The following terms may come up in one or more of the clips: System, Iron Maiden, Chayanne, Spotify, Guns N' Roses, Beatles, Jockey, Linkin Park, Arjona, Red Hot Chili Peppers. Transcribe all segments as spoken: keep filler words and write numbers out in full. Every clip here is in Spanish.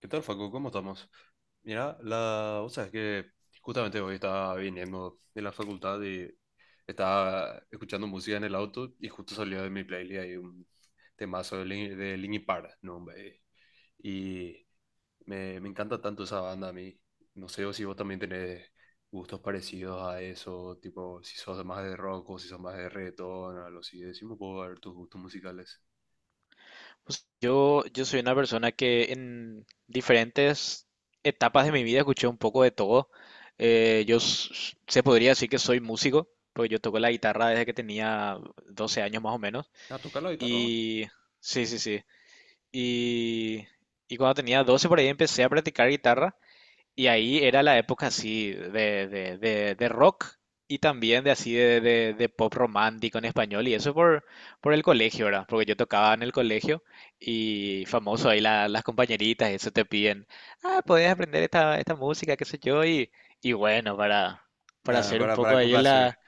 ¿Qué tal, Facu? ¿Cómo estamos? Mira, la... vos sabés que justamente hoy estaba viniendo de la facultad y estaba escuchando música en el auto, y justo salió de mi playlist ahí un temazo de, Lin... de Linkin Park, ¿no, hombre? Y me, me encanta tanto esa banda a mí. No sé si vos también tenés gustos parecidos a eso, tipo si sos más de rock o si sos más de reggaetón, algo así. Decime un poco a ver tus gustos musicales. Pues, Yo, yo soy una persona que en diferentes etapas de mi vida escuché un poco de todo. Eh, yo s- se podría decir que soy músico, porque yo toco la guitarra desde que tenía doce años más o menos. Ah, ¿tocar la guitarra vos? Y sí, sí, sí. Y, y cuando tenía doce por ahí empecé a practicar guitarra y ahí era la época así de, de, de, de rock y también de así de, de- de pop romántico en español. Y eso por, por el colegio, ¿verdad? Porque yo tocaba en el colegio y famoso ahí la- las compañeritas, eso te piden, ah, podés aprender esta, esta música, qué sé yo. Y, y bueno, para, para Ah, hacer un para, poco para ahí en complacer. la.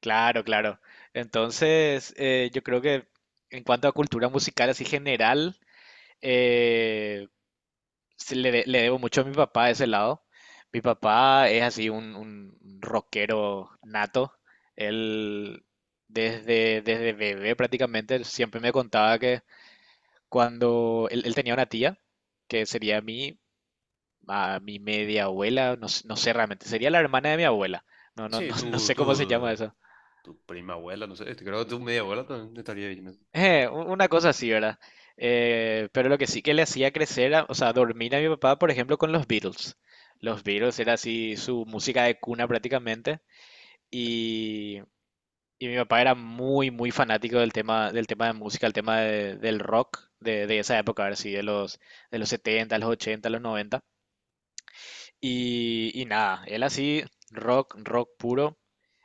Claro, claro. Entonces, eh, yo creo que en cuanto a cultura musical así general, eh, se le, de- le debo mucho a mi papá de ese lado. Mi papá es así un, un rockero nato. Él desde, desde bebé prácticamente él siempre me contaba que cuando él, él tenía una tía, que sería mi, a mi media abuela, no, s- no sé realmente, sería la hermana de mi abuela. No, no, Sí, no, no tú, sé cómo se llama tú. eso. Tu prima abuela, no sé, este, creo que tu media abuela también estaría bien, ¿no? Eh, u- una cosa así, ¿verdad? Eh, pero lo que sí que le hacía crecer, a- o sea, dormir a mi papá, por ejemplo, con los Beatles. Los Beatles era así su música de cuna prácticamente. Y, y mi papá era muy, muy fanático del tema, del tema de música, el tema de- del rock de, de esa época, a ver si de los, de los setenta los ochenta los noventa. Y, y nada, él así, rock, rock puro.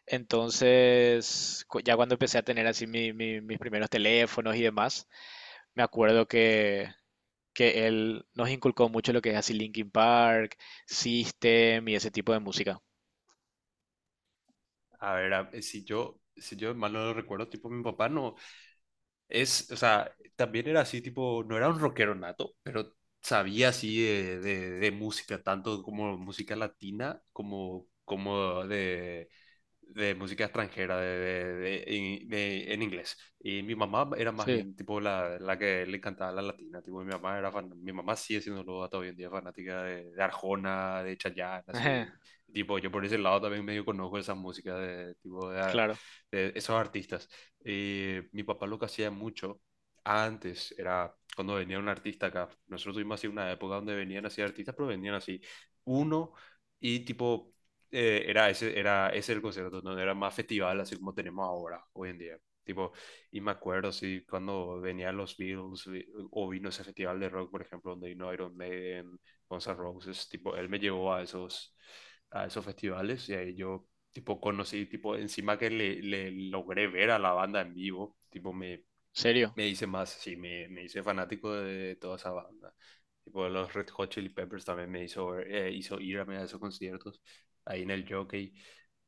Entonces, cu- ya cuando empecé a tener así mi- mi- mis primeros teléfonos y demás me acuerdo que, que él nos inculcó mucho lo que es así Linkin Park, System y ese tipo de música. A ver, a- eh, si yo, si yo mal no lo recuerdo, tipo mi papá no, es, o sea, también era así, tipo, no era un rockero nato, pero sabía así de, de, de música, tanto como música latina como, como de de música extranjera de, de- de- de- de, en inglés. Y mi mamá era más Sí. bien tipo la, la que le encantaba la latina. Tipo, mi mamá era fan- mi mamá sigue siendo hasta hoy en día fanática de, de Arjona, de Chayanne, así. Tipo, yo por ese lado también medio conozco esas músicas de, tipo, de, Claro, de esos artistas. Y mi papá lo que hacía mucho antes era cuando venía un artista acá. Nosotros tuvimos así una época donde venían así artistas, pero venían así uno y tipo eh, era, ese, era ese el concierto, no era más festival así como tenemos ahora, hoy en día. Tipo, y me acuerdo, sí, cuando venían los Beatles vi- o vino ese festival de rock, por ejemplo, donde vino Iron Maiden, Guns N' Roses, tipo, él me llevó a esos, a esos festivales, y ahí yo, tipo, conocí, tipo, encima que le, le logré ver a la banda en vivo, tipo, me, ¿serio? me hice más, sí, me, me hice fanático de toda esa banda. Tipo, los Red Hot Chili Peppers también me hizo, eh, hizo ir a esos conciertos ahí en el Jockey.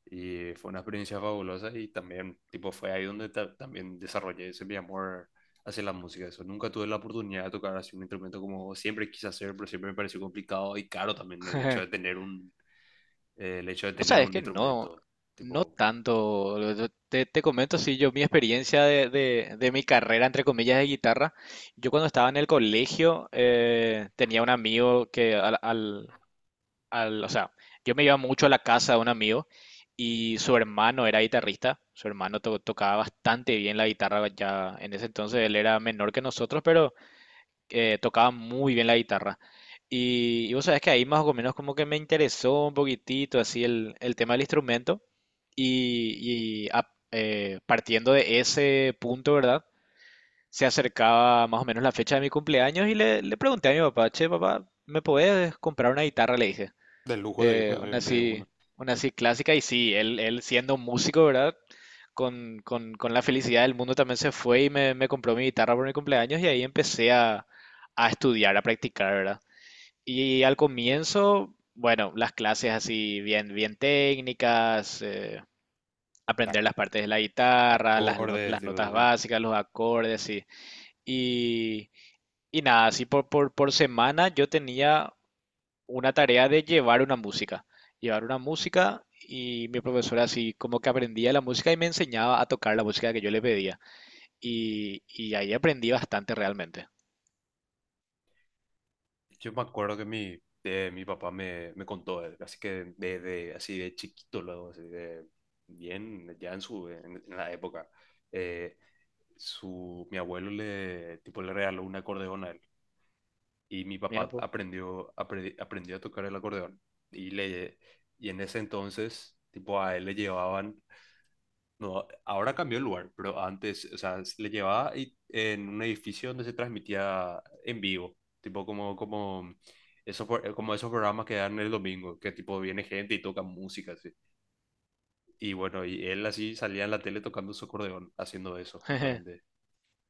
Y fue una experiencia fabulosa y también, tipo, fue ahí donde ta- también desarrollé ese mi amor hacia la música. Eso, nunca tuve la oportunidad de tocar así un instrumento como siempre quise hacer, pero siempre me pareció complicado y caro también el hecho de tener un, eh, el hecho de No tener sabes un que no, instrumento, no tipo, tanto. Yo Te, te comento, sí, yo mi experiencia de, de- de mi carrera, entre comillas, de guitarra. Yo cuando estaba en el colegio eh, tenía un amigo que al, al, o sea, yo me iba mucho a la casa de un amigo y su hermano era guitarrista, su hermano to- tocaba bastante bien la guitarra ya en ese entonces, él era menor que nosotros, pero eh, tocaba muy bien la guitarra. Y, y vos sabés que ahí más o menos como que me interesó un poquitito así el, el tema del instrumento y, y a- eh, partiendo de ese punto, ¿verdad? Se acercaba más o menos la fecha de mi cumpleaños y le, le pregunté a mi papá, che, papá, ¿me podés comprar una guitarra? Le dije. del lujo de, Eh, una de así, uno. una así clásica y sí, él, él siendo músico, ¿verdad? Con, con- con la felicidad del mundo también se fue y me, me compró mi guitarra por mi cumpleaños y ahí empecé a, a estudiar, a practicar, ¿verdad? Y al comienzo, bueno, las clases así bien, bien técnicas, eh, aprender Ac- las ac- partes de la guitarra, las, no- Acordes, las tipo, notas sí. básicas, los acordes, y, y, y nada, así por, por, por semana yo tenía una tarea de llevar una música, llevar una música y mi profesora así como que aprendía la música y me enseñaba a tocar la música que yo le pedía y, y ahí aprendí bastante realmente. Yo me acuerdo que mi, eh, mi papá me, me contó, eh, así que de de así de chiquito, luego, así de bien, ya en su en, en la época, eh, su, mi abuelo le, tipo, le regaló un acordeón a él, y mi Mira, papá pues. aprendió, apre- aprendió a tocar el acordeón. Y, le, y en ese entonces, tipo, a él le llevaban no, ahora cambió el lugar, pero antes, o sea, se le llevaba y- en un edificio donde se transmitía en vivo, tipo como, como, esos pro- como esos programas que dan el domingo, que tipo viene gente y toca música, así. Y bueno, y él así salía en la tele tocando su acordeón, haciendo eso justamente.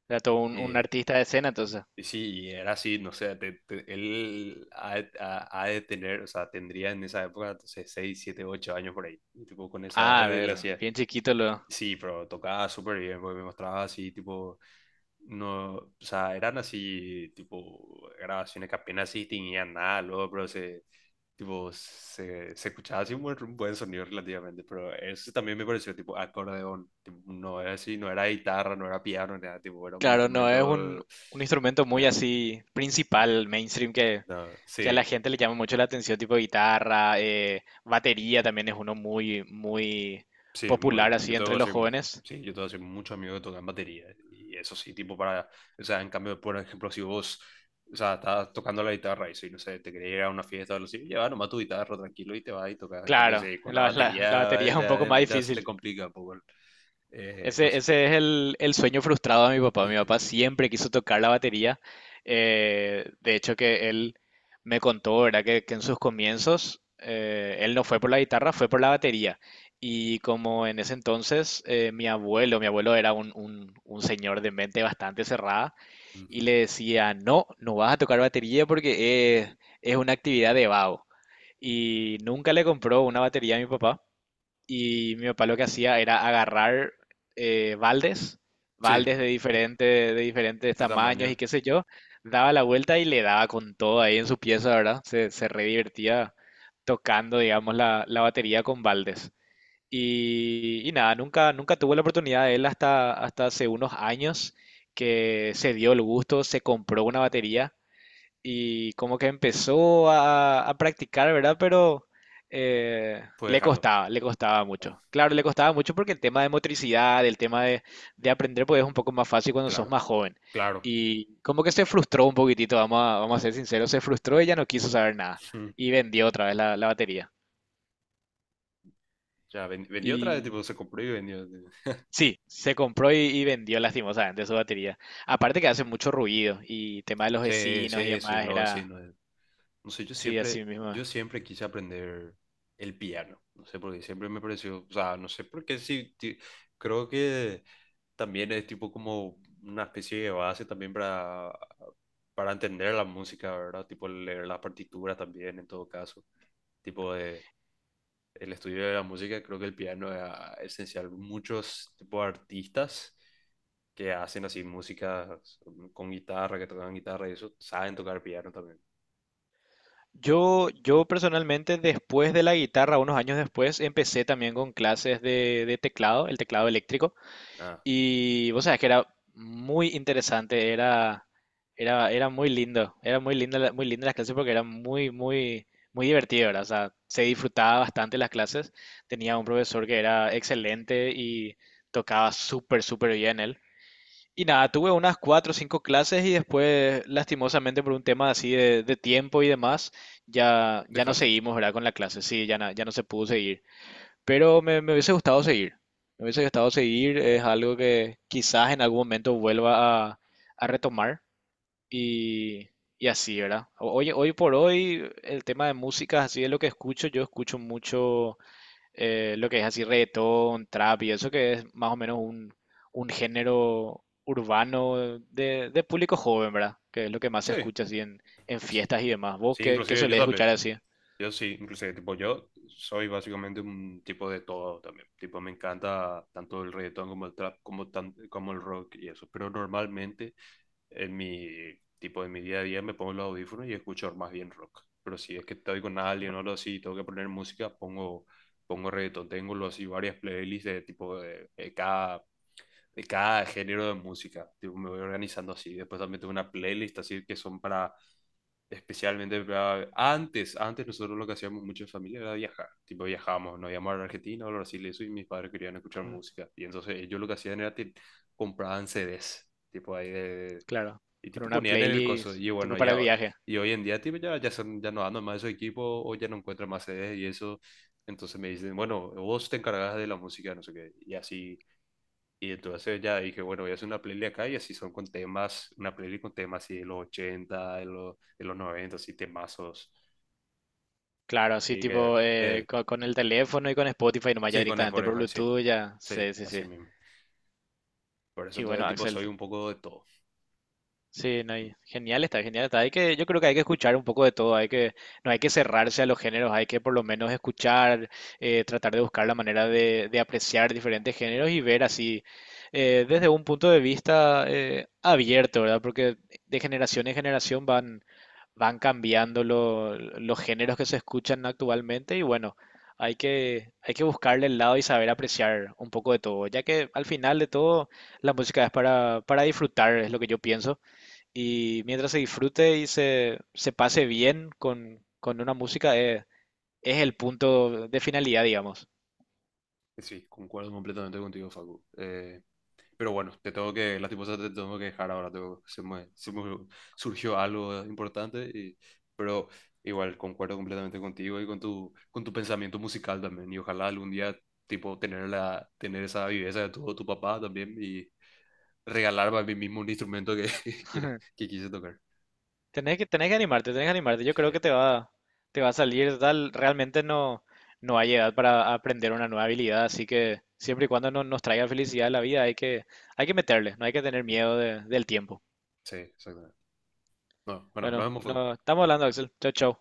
Era todo un, un Y, artista de escena, entonces. y sí, y era así, no sé, te- te- él ha, de ha- ha de tener, o sea, tendría en esa época, entonces, seis siete ocho años por ahí, y tipo con esa, Ah, a edad él ver, hacía, bien chiquito lo. sí, pero tocaba súper bien, porque me mostraba así, tipo. No, o sea, eran así, tipo, grabaciones que apenas sí tenían nada, luego, pero se, tipo, se, se escuchaba así un buen, un buen sonido relativamente, pero eso también me pareció, tipo, acordeón, tipo, no era así, no era guitarra, no era piano, nada, tipo, era un Claro, no es un, instrumento, un instrumento muy nah, así principal, mainstream, que, no, que a la sí. gente le llama mucho la atención, tipo guitarra, eh, batería también es uno muy, muy Sí, muy. popular Yo así tengo entre que los ser, jóvenes. sí, yo tengo que ser mucho amigo que tocan batería. Y eso sí, tipo para. O sea, en cambio, por ejemplo, si vos. O sea, estás tocando la guitarra y si no sé, te querés ir a una fiesta o algo así, lleva nomás tu guitarra tranquilo y te vas y tocas. En cambio, Claro, si con la la, la- la batería batería eh, es un ya, poco eh, más ya se te difícil. complica un poco. El- eh, no Ese, sé. ese es el, el sueño frustrado de mi papá. Mi papá siempre quiso tocar la batería. Eh, de hecho, que él me contó, ¿verdad? Que, que en sus comienzos eh, él no fue por la guitarra, fue por la batería. Y como en ese entonces eh, mi abuelo, mi abuelo era un, un, un señor de mente bastante cerrada y Ujú. le decía, no, no vas a tocar batería porque es, es una actividad de vago. Y nunca le compró una batería a mi papá. Y mi papá lo que hacía era agarrar eh, baldes, Sí, baldes de diferente, de diferentes de tamaños y tamaño, qué sé yo, daba la vuelta y le daba con todo ahí en su pieza, ¿verdad? Se, se re divertía tocando, digamos, la, la batería con baldes. Y, y nada, nunca, nunca tuvo la oportunidad de él hasta, hasta hace unos años que se dio el gusto, se compró una batería y como que empezó a, a practicar, ¿verdad? Pero eh, fue le dejando. costaba, le costaba Ah, mucho. Claro, le costaba mucho porque el tema de motricidad, el tema de, de aprender, pues es un poco más fácil cuando sos claro, más joven. claro. Y como que se frustró un poquitito, vamos a, vamos a ser sinceros, se frustró y ya no quiso saber nada. Mm. Y vendió otra vez la, la batería. Ya, ven- vendió otra vez, Y tipo, se compró y vendió. sí, se compró y, y vendió lastimosamente su batería. Aparte que hace mucho ruido y tema de los Sí, vecinos y sí, sí, demás, lo era, vecino. No sé, yo sí, siempre, así mismo. yo siempre quise aprender el piano. No sé por qué, siempre me pareció, o sea, no sé por qué, sí, ti- creo que también es tipo como una especie de base también para, para entender la música, ¿verdad? Tipo leer las partituras también, en todo caso. Tipo de, el estudio de la música, creo que el piano es ah, esencial. Muchos tipo de artistas que hacen así música con guitarra, que tocan guitarra y eso, saben tocar piano también. Yo, yo personalmente, después de la guitarra, unos años después, empecé también con clases de, de teclado, el teclado eléctrico, Ah, y vos sabés que era muy interesante, era, era, era muy lindo, era muy linda, la- muy linda las clases porque era muy, muy, muy divertido, ¿verdad? O sea, se disfrutaba bastante las clases, tenía un profesor que era excelente y tocaba súper, súper bien él. Y nada, tuve unas cuatro o cinco clases y después, lastimosamente, por un tema así de, de tiempo y demás, ya, ya no dejaste. seguimos, ¿verdad? Con la clase, sí, ya, na- ya no se pudo seguir. Pero me, me hubiese gustado seguir. Me hubiese gustado seguir, es algo que quizás en algún momento vuelva a, a retomar y, y así, ¿verdad? O- Hoy, hoy por hoy, el tema de música, así es lo que escucho. Yo escucho mucho eh, lo que es así reggaetón, trap y eso que es más o menos un, un género urbano de, de público joven, ¿verdad? Que es lo que más se Sí, escucha así en, en sí. fiestas y demás. ¿Vos Sí, qué, qué inclusive yo solés escuchar también. así? Yo sí, inclusive, tipo, yo soy básicamente un tipo de todo también. Tipo, me encanta tanto el reggaetón como el trap, como, tan- como el rock y eso. Pero normalmente en mi, tipo, en mi día a día me pongo los audífonos y escucho más bien rock. Pero si es que estoy con alguien o algo así y tengo que poner música, pongo, pongo reggaetón. Tengo los, así varias playlists de tipo de, de cada, de cada género de música. Tipo, me voy organizando así. Después también tengo una playlist así que son para especialmente para- antes, antes nosotros lo que hacíamos mucho en familia era viajar, tipo viajábamos, nos íbamos a Argentina o a Brasil, eso, y mis padres querían escuchar Mm. música, y entonces ellos lo que hacían era que compraban C Ds, tipo ahí de, de- Claro, y con tipo una ponían en el coso, playlist y tipo bueno, para el ya hoy, viaje. y hoy en día tipo ya, ya, son, ya no andan más esos equipos, o ya no encuentran más C Ds y eso, entonces me dicen, bueno, vos te encargas de la música, no sé qué, y así, y entonces ya dije, bueno, voy a hacer una playlist acá, y así son con temas, una playlist con temas así de los ochenta, de los, de los noventa, así temazos. Claro, así Y que- tipo eh, que- co- con, el teléfono y con Spotify nomás ya sí, con directamente por Spotify, sí, Bluetooth ya. sí, Sí, sí, sí. así mismo. Por eso Y bueno, entonces tipo Axel. soy un poco de todo. Sí, no, y genial está, genial está. Hay que, yo creo que hay que escuchar un poco de todo, hay que, no hay que cerrarse a los géneros, hay que por lo menos escuchar, eh, tratar de buscar la manera de, de apreciar diferentes géneros y ver así eh, desde un punto de vista eh, abierto, ¿verdad? Porque de generación en generación van, van cambiando lo- los géneros que se escuchan actualmente y bueno, hay que, hay que buscarle el lado y saber apreciar un poco de todo, ya que al final de todo la música es para, para disfrutar, es lo que yo pienso. Y mientras se disfrute y se, se pase bien con, con una música, eh, es el punto de finalidad, digamos. Sí, concuerdo completamente contigo, Facu. Eh, pero bueno, te tengo que, lastimosamente te tengo que dejar ahora. tengo- se me, se me surgió algo importante, y, pero igual concuerdo completamente contigo y con tu, con tu pensamiento musical también. Y ojalá algún día, tipo, tener la, tener esa viveza de tu, tu papá también, y regalarme a mí mismo un instrumento que, que, quiere, que quise tocar. Tenés que, tenés que animarte, tenés que animarte. Yo Sí, creo que te va, te va a salir tal. Realmente no, no hay edad para aprender una nueva habilidad, así que siempre y cuando no, nos traiga felicidad a la vida, hay que, hay que meterle, no hay que tener ya, miedo de- del tiempo. sí, exactamente. No, bueno, nos Bueno, vemos, no, Facu. estamos hablando, Axel. Chau, chau.